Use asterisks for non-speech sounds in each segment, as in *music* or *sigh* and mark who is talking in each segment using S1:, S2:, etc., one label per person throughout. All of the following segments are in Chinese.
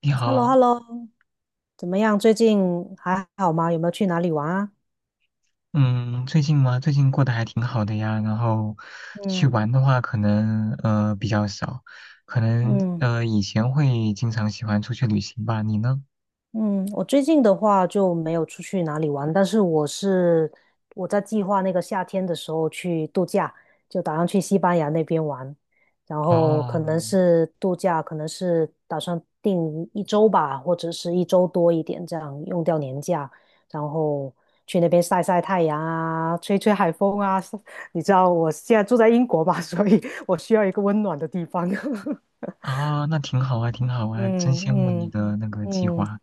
S1: 你
S2: h e l l o h
S1: 好，
S2: e l l o 怎么样？最近还好吗？有没有去哪里玩啊？
S1: 嗯，最近吗？最近过得还挺好的呀。然后去
S2: 嗯
S1: 玩的话，可能比较少，可能
S2: 嗯，
S1: 以前会经常喜欢出去旅行吧。你呢？
S2: 嗯，我最近的话就没有出去哪里玩，但是我在计划那个夏天的时候去度假，就打算去西班牙那边玩，然后可
S1: 哦，
S2: 能是度假，可能是打算定一周吧，或者是一周多一点，这样用掉年假，然后去那边晒晒太阳啊，吹吹海风啊。*laughs* 你知道我现在住在英国吧，*laughs* 所以我需要一个温暖的地方。
S1: 啊，那挺好啊，挺好
S2: *laughs*
S1: 啊，真羡慕
S2: 嗯
S1: 你
S2: 嗯
S1: 的那个计
S2: 嗯。
S1: 划。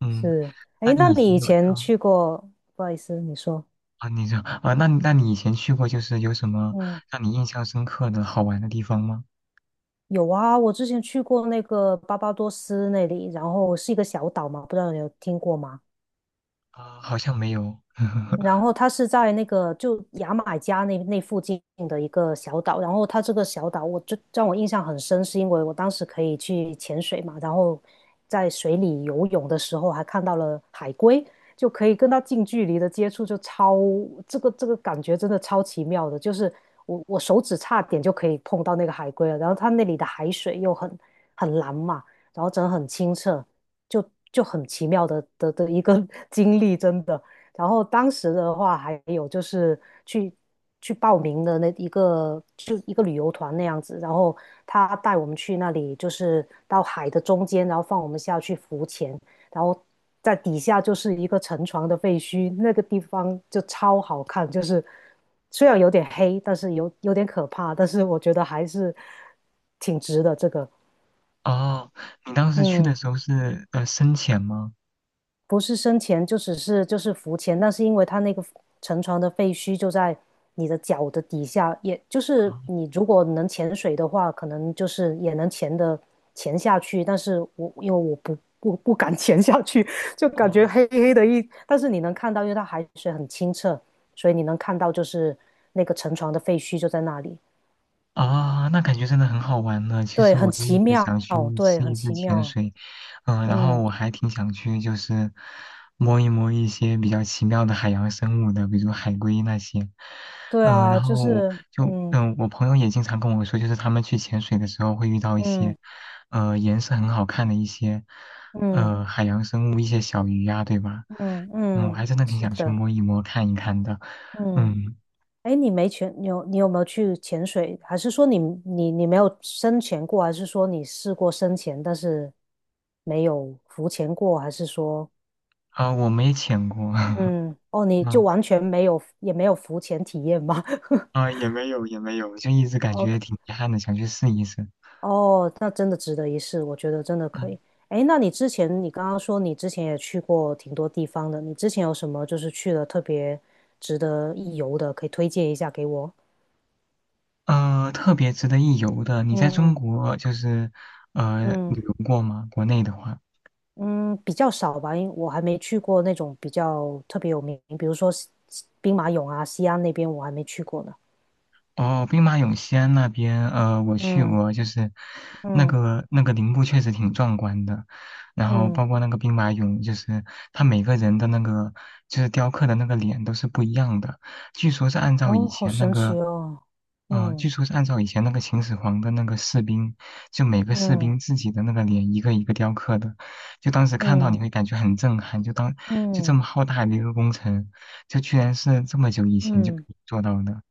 S1: 嗯，
S2: 是，
S1: 那
S2: 哎，那
S1: 你以
S2: 你
S1: 前
S2: 以
S1: 有
S2: 前
S1: 啊
S2: 去过？不好意思，你说。
S1: 啊，你这啊，那你以前去过就是有什么
S2: 嗯，
S1: 让你印象深刻的好玩的地方吗？
S2: 有啊，我之前去过那个巴巴多斯那里，然后是一个小岛嘛，不知道你有听过吗？
S1: 啊，好像没有。
S2: 然
S1: *laughs*
S2: 后它是在那个就牙买加那附近的一个小岛，然后它这个小岛我就让我印象很深，是因为我当时可以去潜水嘛，然后在水里游泳的时候还看到了海龟，就可以跟它近距离的接触，这个感觉真的超奇妙的，就是我手指差点就可以碰到那个海龟了，然后它那里的海水又很蓝嘛，然后真的很清澈，就就很奇妙的一个 *laughs* 经历，真的。然后当时的话，还有就是去去报名的那一个，就一个旅游团那样子。然后他带我们去那里，就是到海的中间，然后放我们下去浮潜，然后在底下就是一个沉船的废墟，那个地方就超好看。就是虽然有点黑，但是有点可怕，但是我觉得还是挺值的。这个，
S1: 哦，你当时去
S2: 嗯
S1: 的时候是深潜吗？
S2: 不是生潜就只是就是浮潜，但是因为它那个沉船的废墟就在你的脚的底下，也就是你如果能潜水的话，可能就是也能潜下去。但是因为我不敢 *laughs* 潜下去，就感觉黑黑的一，但是你能看到，因为它海水很清澈，所以你能看到就是那个沉船的废墟就在那里。
S1: 啊，那感觉真的很好玩呢。其
S2: 对，
S1: 实我
S2: 很
S1: 就一
S2: 奇
S1: 直
S2: 妙，
S1: 想去
S2: 对，
S1: 试
S2: 很
S1: 一试
S2: 奇
S1: 潜
S2: 妙。
S1: 水，然后
S2: 嗯，
S1: 我还挺想去就是摸一摸一些比较奇妙的海洋生物的，比如海龟那些。
S2: 对啊，
S1: 然
S2: 就
S1: 后
S2: 是
S1: 就我朋友也经常跟我说，就是他们去潜水的时候会遇到一些，
S2: 嗯
S1: 颜色很好看的一些，
S2: 嗯。
S1: 海洋生物，一些小鱼呀、对吧？
S2: 嗯
S1: 嗯，我
S2: 嗯，
S1: 还真的挺
S2: 是
S1: 想去
S2: 的，
S1: 摸一摸、看一看的。
S2: 嗯，
S1: 嗯，
S2: 哎，你有没有去潜水？还是说你没有深潜过？还是说你试过深潜，但是没有浮潜过？还是说，
S1: 啊、我没潜过。*laughs*
S2: 嗯，哦，你就
S1: 嗯
S2: 完全没有也没有浮潜体验吗 *laughs*
S1: 啊、也没有也没有，就一直感觉
S2: ？OK，
S1: 挺遗憾的，想去试一试。
S2: 哦，那真的值得一试，我觉得真的可
S1: 嗯，
S2: 以。哎，那你之前你刚刚说你之前也去过挺多地方的，你之前有什么就是去了特别值得一游的，可以推荐一下给我？
S1: 特别值得一游的，你在中
S2: 嗯
S1: 国就是
S2: 嗯。
S1: 旅游过吗？国内的话，
S2: 嗯，比较少吧，因为我还没去过那种比较特别有名，比如说兵马俑啊、西安那边我还没去过呢。
S1: 哦，兵马俑西安那边，我去
S2: 嗯
S1: 过，就是那
S2: 嗯
S1: 个那个陵墓确实挺壮观的，然后
S2: 嗯，
S1: 包括那个兵马俑，就是他每个人的那个就是雕刻的那个脸都是不一样的，据说是按照以
S2: 哦，好
S1: 前那
S2: 神奇
S1: 个，
S2: 哦。
S1: 据
S2: 嗯
S1: 说是按照以前那个秦始皇的那个士兵，就每个士
S2: 嗯
S1: 兵自己的那个脸一个一个雕刻的，就当时看到你
S2: 嗯
S1: 会感觉很震撼，就这
S2: 嗯
S1: 么浩大的一个工程，就居然是这么久以前就可
S2: 嗯
S1: 以做到的，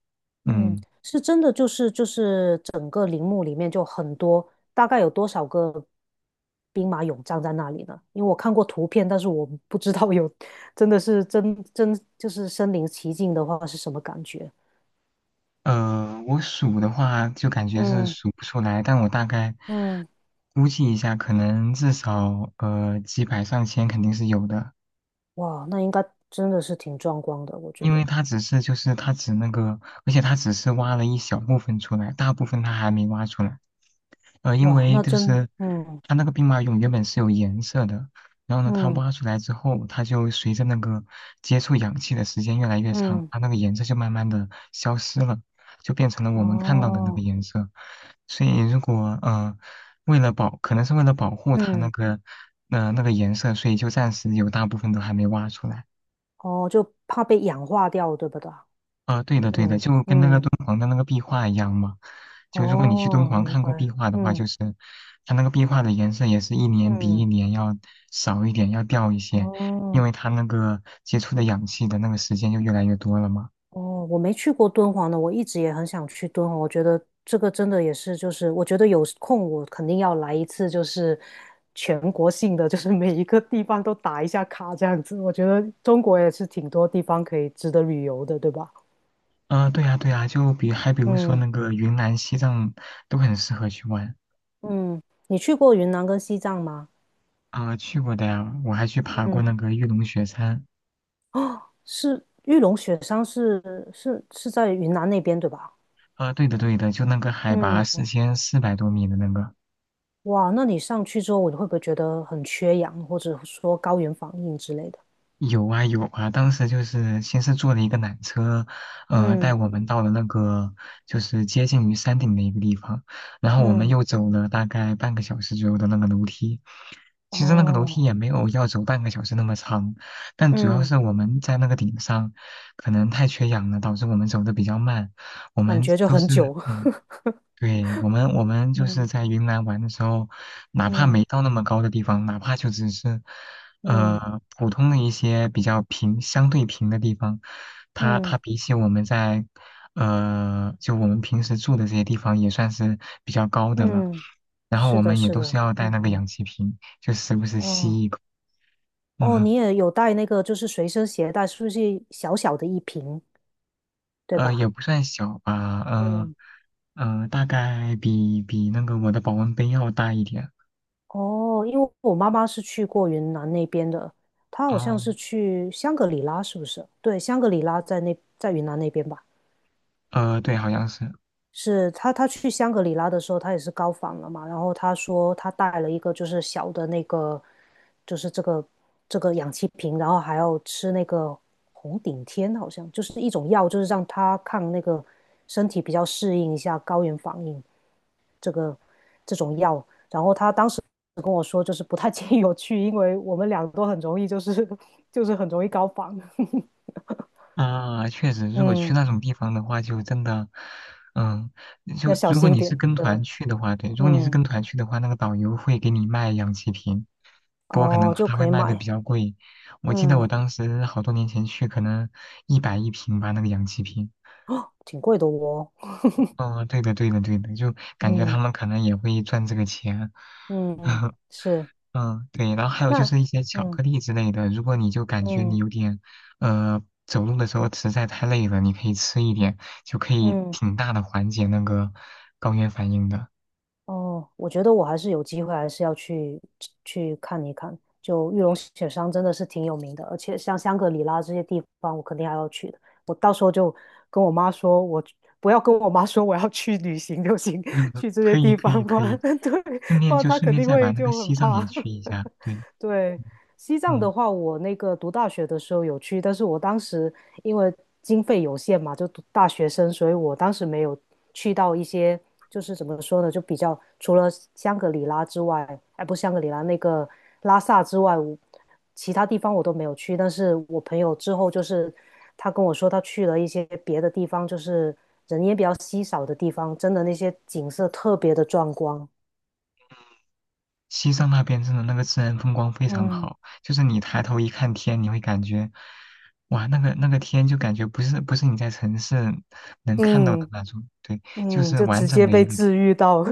S2: 嗯，
S1: 嗯。
S2: 是真的，就是整个陵墓里面就很多，大概有多少个兵马俑站在那里呢？因为我看过图片，但是我不知道有 *laughs* 真的是真就是身临其境的话是什么感觉。
S1: 我数的话就感觉是
S2: 嗯。
S1: 数不出来，但我大概
S2: 嗯，
S1: 估计一下，可能至少几百上千肯定是有的。
S2: 哇，那应该真的是挺壮观的，我觉
S1: 因为
S2: 得。
S1: 他只是就是他只那个，而且他只是挖了一小部分出来，大部分他还没挖出来。因
S2: 哇，
S1: 为
S2: 那
S1: 就
S2: 真的，
S1: 是
S2: 嗯
S1: 它那个兵马俑原本是有颜色的，然后呢，它
S2: 嗯
S1: 挖出来之后，它就随着那个接触氧气的时间越来越长，
S2: 嗯，
S1: 它那个颜色就慢慢的消失了，就变成了我们看到的那个
S2: 哦，
S1: 颜色。所以如果为了保，可能是为了保护它那
S2: 嗯
S1: 个那个颜色，所以就暂时有大部分都还没挖出来。
S2: 哦，就怕被氧化掉，对不对？
S1: 啊，对的对的，
S2: 嗯
S1: 就跟那个
S2: 嗯，
S1: 敦煌的那个壁画一样嘛。就如果你去敦
S2: 哦，
S1: 煌
S2: 明
S1: 看过壁
S2: 白，
S1: 画的话，
S2: 嗯
S1: 就是它那个壁画的颜色也是一年比一
S2: 嗯，
S1: 年要少一点，要掉一些，因
S2: 哦。
S1: 为它那个接触的氧气的那个时间就越来越多了嘛。
S2: 哦，我没去过敦煌呢，我一直也很想去敦煌。我觉得这个真的也是，就是我觉得有空我肯定要来一次，就是全国性的，就是每一个地方都打一下卡这样子。我觉得中国也是挺多地方可以值得旅游的，对吧？
S1: 啊，对呀对呀，就还比如说
S2: 嗯
S1: 那个云南、西藏都很适合去玩
S2: 嗯，你去过云南跟西藏吗？
S1: 啊，去过的呀，我还去爬过
S2: 嗯，
S1: 那个玉龙雪山。
S2: 哦，玉龙雪山是在云南那边对吧？
S1: 啊，对的对的，就那个海拔
S2: 嗯，
S1: 4400多米的那个。
S2: 哇，那你上去之后，你会不会觉得很缺氧，或者说高原反应之类的？
S1: 有啊有啊，当时就是先是坐了一个缆车，带
S2: 嗯。
S1: 我们到了那个就是接近于山顶的一个地方，然后我们
S2: 嗯，
S1: 又走了大概半个小时左右的那个楼梯。其实那个楼梯
S2: 哦，
S1: 也没有要走半个小时那么长，但主要
S2: 嗯，
S1: 是我们在那个顶上可能太缺氧了，导致我们走的比较慢。我
S2: 感
S1: 们
S2: 觉就
S1: 都
S2: 很
S1: 是
S2: 久。
S1: 嗯、
S2: *laughs*
S1: 对，我们就是
S2: 嗯，
S1: 在云南玩的时候，哪怕
S2: 嗯
S1: 没到那么高的地方，哪怕就只是，
S2: 嗯
S1: 普通的一些比较平、相对平的地方，它
S2: 嗯
S1: 比起我们在，就我们平时住的这些地方也算是比较高的了。
S2: 嗯，
S1: 然后
S2: 是
S1: 我
S2: 的，
S1: 们也
S2: 是
S1: 都是
S2: 的，
S1: 要带
S2: 嗯
S1: 那个
S2: 嗯，
S1: 氧气瓶，就时不时
S2: 哦
S1: 吸一口。
S2: 哦，
S1: 嗯，
S2: 你也有带那个，就是随身携带，是不是小小的一瓶，对
S1: 也
S2: 吧？
S1: 不算小吧，
S2: 嗯，
S1: 大概比那个我的保温杯要大一点。
S2: 哦，因为我妈妈是去过云南那边的，她好像
S1: 哦，
S2: 是去香格里拉，是不是？对，香格里拉在那，在云南那边吧？
S1: 对，好像是。
S2: 是他，他去香格里拉的时候，他也是高仿了嘛。然后他说他带了一个就是小的那个，就是这个氧气瓶，然后还要吃那个红顶天，好像就是一种药，就是让他抗那个身体比较适应一下高原反应这个这种药。然后他当时跟我说，就是不太建议我去，因为我们俩都很容易就是很容易高仿，*laughs*
S1: 啊，确实，如果去
S2: 嗯，
S1: 那种地方的话，就真的，嗯，就
S2: 要小
S1: 如果
S2: 心
S1: 你是
S2: 点，
S1: 跟
S2: 对，
S1: 团去的话，对，如果你是
S2: 嗯，
S1: 跟团去的话，那个导游会给你卖氧气瓶，不过可能
S2: 哦，就
S1: 他会
S2: 可以
S1: 卖的比
S2: 买，
S1: 较贵。我记得我
S2: 嗯。
S1: 当时好多年前去，可能100一瓶吧，那个氧气瓶。
S2: 挺贵的哦。
S1: 哦，对的，对的，对的，就感觉他
S2: 嗯
S1: 们可能也会赚这个钱。
S2: 嗯嗯，
S1: *laughs*
S2: 是。
S1: 嗯，对，然后还有就
S2: 那
S1: 是一些巧
S2: 嗯
S1: 克力之类的，如果你就感觉你
S2: 嗯
S1: 有点，走路的时候实在太累了，你可以吃一点，就可以
S2: 嗯
S1: 挺大的缓解那个高原反应的。
S2: 哦，我觉得我还是有机会，还是要去看一看。就玉龙雪山真的是挺有名的，而且像香格里拉这些地方，我肯定还要去的。我到时候就跟我妈说，不要跟我妈说我要去旅行就行，*laughs*
S1: *laughs* 嗯
S2: 去这些
S1: 可以，
S2: 地
S1: 可
S2: 方，
S1: 以，
S2: 不
S1: 可
S2: 然
S1: 以，
S2: *laughs* 对，
S1: 顺
S2: 不
S1: 便
S2: 然
S1: 就
S2: 她
S1: 顺
S2: 肯
S1: 便
S2: 定
S1: 再把
S2: 会
S1: 那个
S2: 就很
S1: 西藏
S2: 怕。
S1: 也去一
S2: *laughs*
S1: 下。对，
S2: 对，西藏
S1: 嗯，
S2: 的话，我那个读大学的时候有去，但是我当时因为经费有限嘛，就读大学生，所以我当时没有去到一些，就是怎么说呢，就比较除了香格里拉之外，哎，不是香格里拉，那个拉萨之外，其他地方我都没有去。但是我朋友之后就是他跟我说，他去了一些别的地方，就是人也比较稀少的地方，真的那些景色特别的壮观。
S1: 西藏那边真的那个自然风光非常
S2: 嗯，
S1: 好，就是你抬头一看天，你会感觉，哇，那个天就感觉不是你在城市能看到的
S2: 嗯，
S1: 那种，对，就
S2: 嗯，
S1: 是
S2: 就
S1: 完
S2: 直
S1: 整
S2: 接
S1: 的
S2: 被
S1: 一个天。
S2: 治愈到，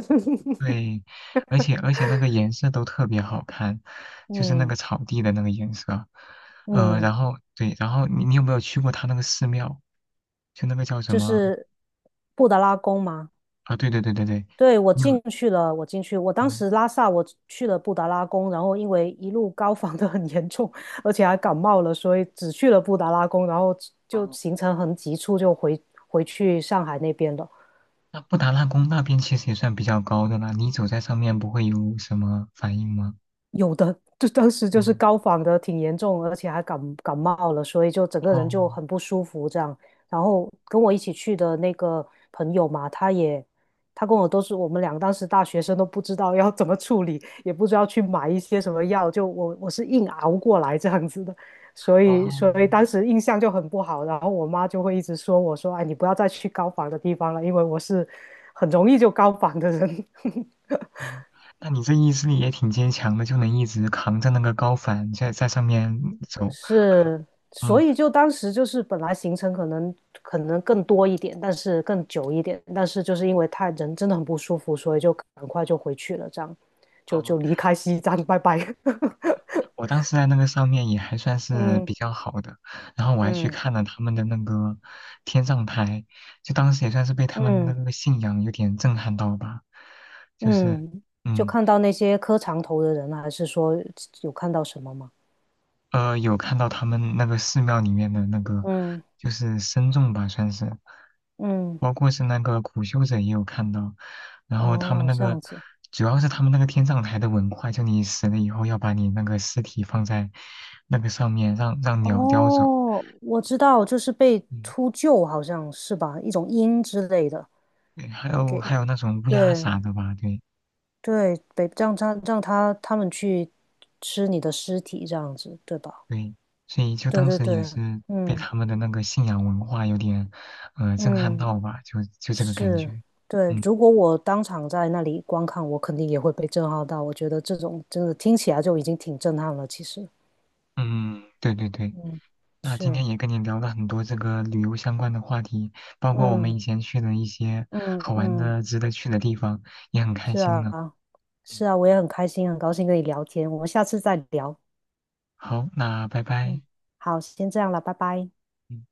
S2: *laughs*
S1: 对，而且那个颜色都特别好看，就是那
S2: 嗯
S1: 个草地的那个颜色。
S2: 嗯，
S1: 然后对，然后你有没有去过他那个寺庙？就那个叫什
S2: 就
S1: 么
S2: 是布达拉宫嘛。
S1: 啊？对对对对对，
S2: 对，我
S1: 你有
S2: 进去了，我进去，我当
S1: 嗯
S2: 时拉萨我去了布达拉宫，然后因为一路高反的很严重，而且还感冒了，所以只去了布达拉宫，然后就
S1: 哦，
S2: 行程很急促，就回去上海那边了。
S1: 那布达拉宫那边其实也算比较高的啦，你走在上面不会有什么反应吗？
S2: 有的，就当时就是
S1: 嗯
S2: 高反的挺严重，而且还感冒了，所以就整个人
S1: 哦
S2: 就很不舒服这样。然后跟我一起去的那个朋友嘛，他跟我都是我们两个当时大学生都不知道要怎么处理，也不知道去买一些什么药，就我是硬熬过来这样子的，
S1: 哦
S2: 所以当时印象就很不好。然后我妈就会一直说我说，哎，你不要再去高反的地方了，因为我是很容易就高反的人。*laughs*
S1: 哦，那你这意志力也挺坚强的，就能一直扛着那个高反在上面走。
S2: 是，所
S1: 嗯。
S2: 以就当时就是本来行程可能更多一点，但是更久一点，但是就是因为他人真的很不舒服，所以就很快就回去了，这样就离
S1: 哦，
S2: 开西藏，拜拜。*laughs*
S1: 我当时在那个上面也还算是
S2: 嗯
S1: 比较好的，然后我还去
S2: 嗯
S1: 看了他们的那个天葬台，就当时也算是被他们的
S2: 嗯
S1: 那个信仰有点震撼到吧，就是
S2: 嗯，就
S1: 嗯
S2: 看到那些磕长头的人啊，还是说有看到什么吗？
S1: 有看到他们那个寺庙里面的那个
S2: 嗯
S1: 就是僧众吧，算是，
S2: 嗯，
S1: 包括是那个苦修者也有看到，然后他们
S2: 哦，
S1: 那
S2: 这
S1: 个
S2: 样子。
S1: 主要是他们那个天葬台的文化，就你死了以后要把你那个尸体放在那个上面，让鸟叼走。
S2: 哦，我知道，就是被
S1: 嗯
S2: 秃鹫，好像是吧，一种鹰之类的，
S1: 对，还有
S2: 给，
S1: 还有那种乌鸦
S2: 对，
S1: 啥的吧，对
S2: 对，北让他让他他们去吃你的尸体这样子，对吧？
S1: 对，所以就
S2: 对
S1: 当
S2: 对
S1: 时
S2: 对，
S1: 也是被
S2: 嗯
S1: 他们的那个信仰文化有点，震撼
S2: 嗯，
S1: 到吧，就这个感
S2: 是，
S1: 觉。
S2: 对。
S1: 嗯
S2: 如果我当场在那里观看，我肯定也会被震撼到。我觉得这种真的听起来就已经挺震撼了，其实，
S1: 嗯，对对对。
S2: 嗯，
S1: 那今
S2: 是，
S1: 天也跟你聊了很多这个旅游相关的话题，包括我们
S2: 嗯
S1: 以前去的一些
S2: 嗯
S1: 好玩
S2: 嗯，
S1: 的、值得去的地方，也很开
S2: 是
S1: 心
S2: 啊，
S1: 呢。嗯，
S2: 是啊，我也很开心，很高兴跟你聊天。我们下次再聊。
S1: 好，那拜拜。
S2: 嗯，好，先这样了，拜拜。
S1: 嗯。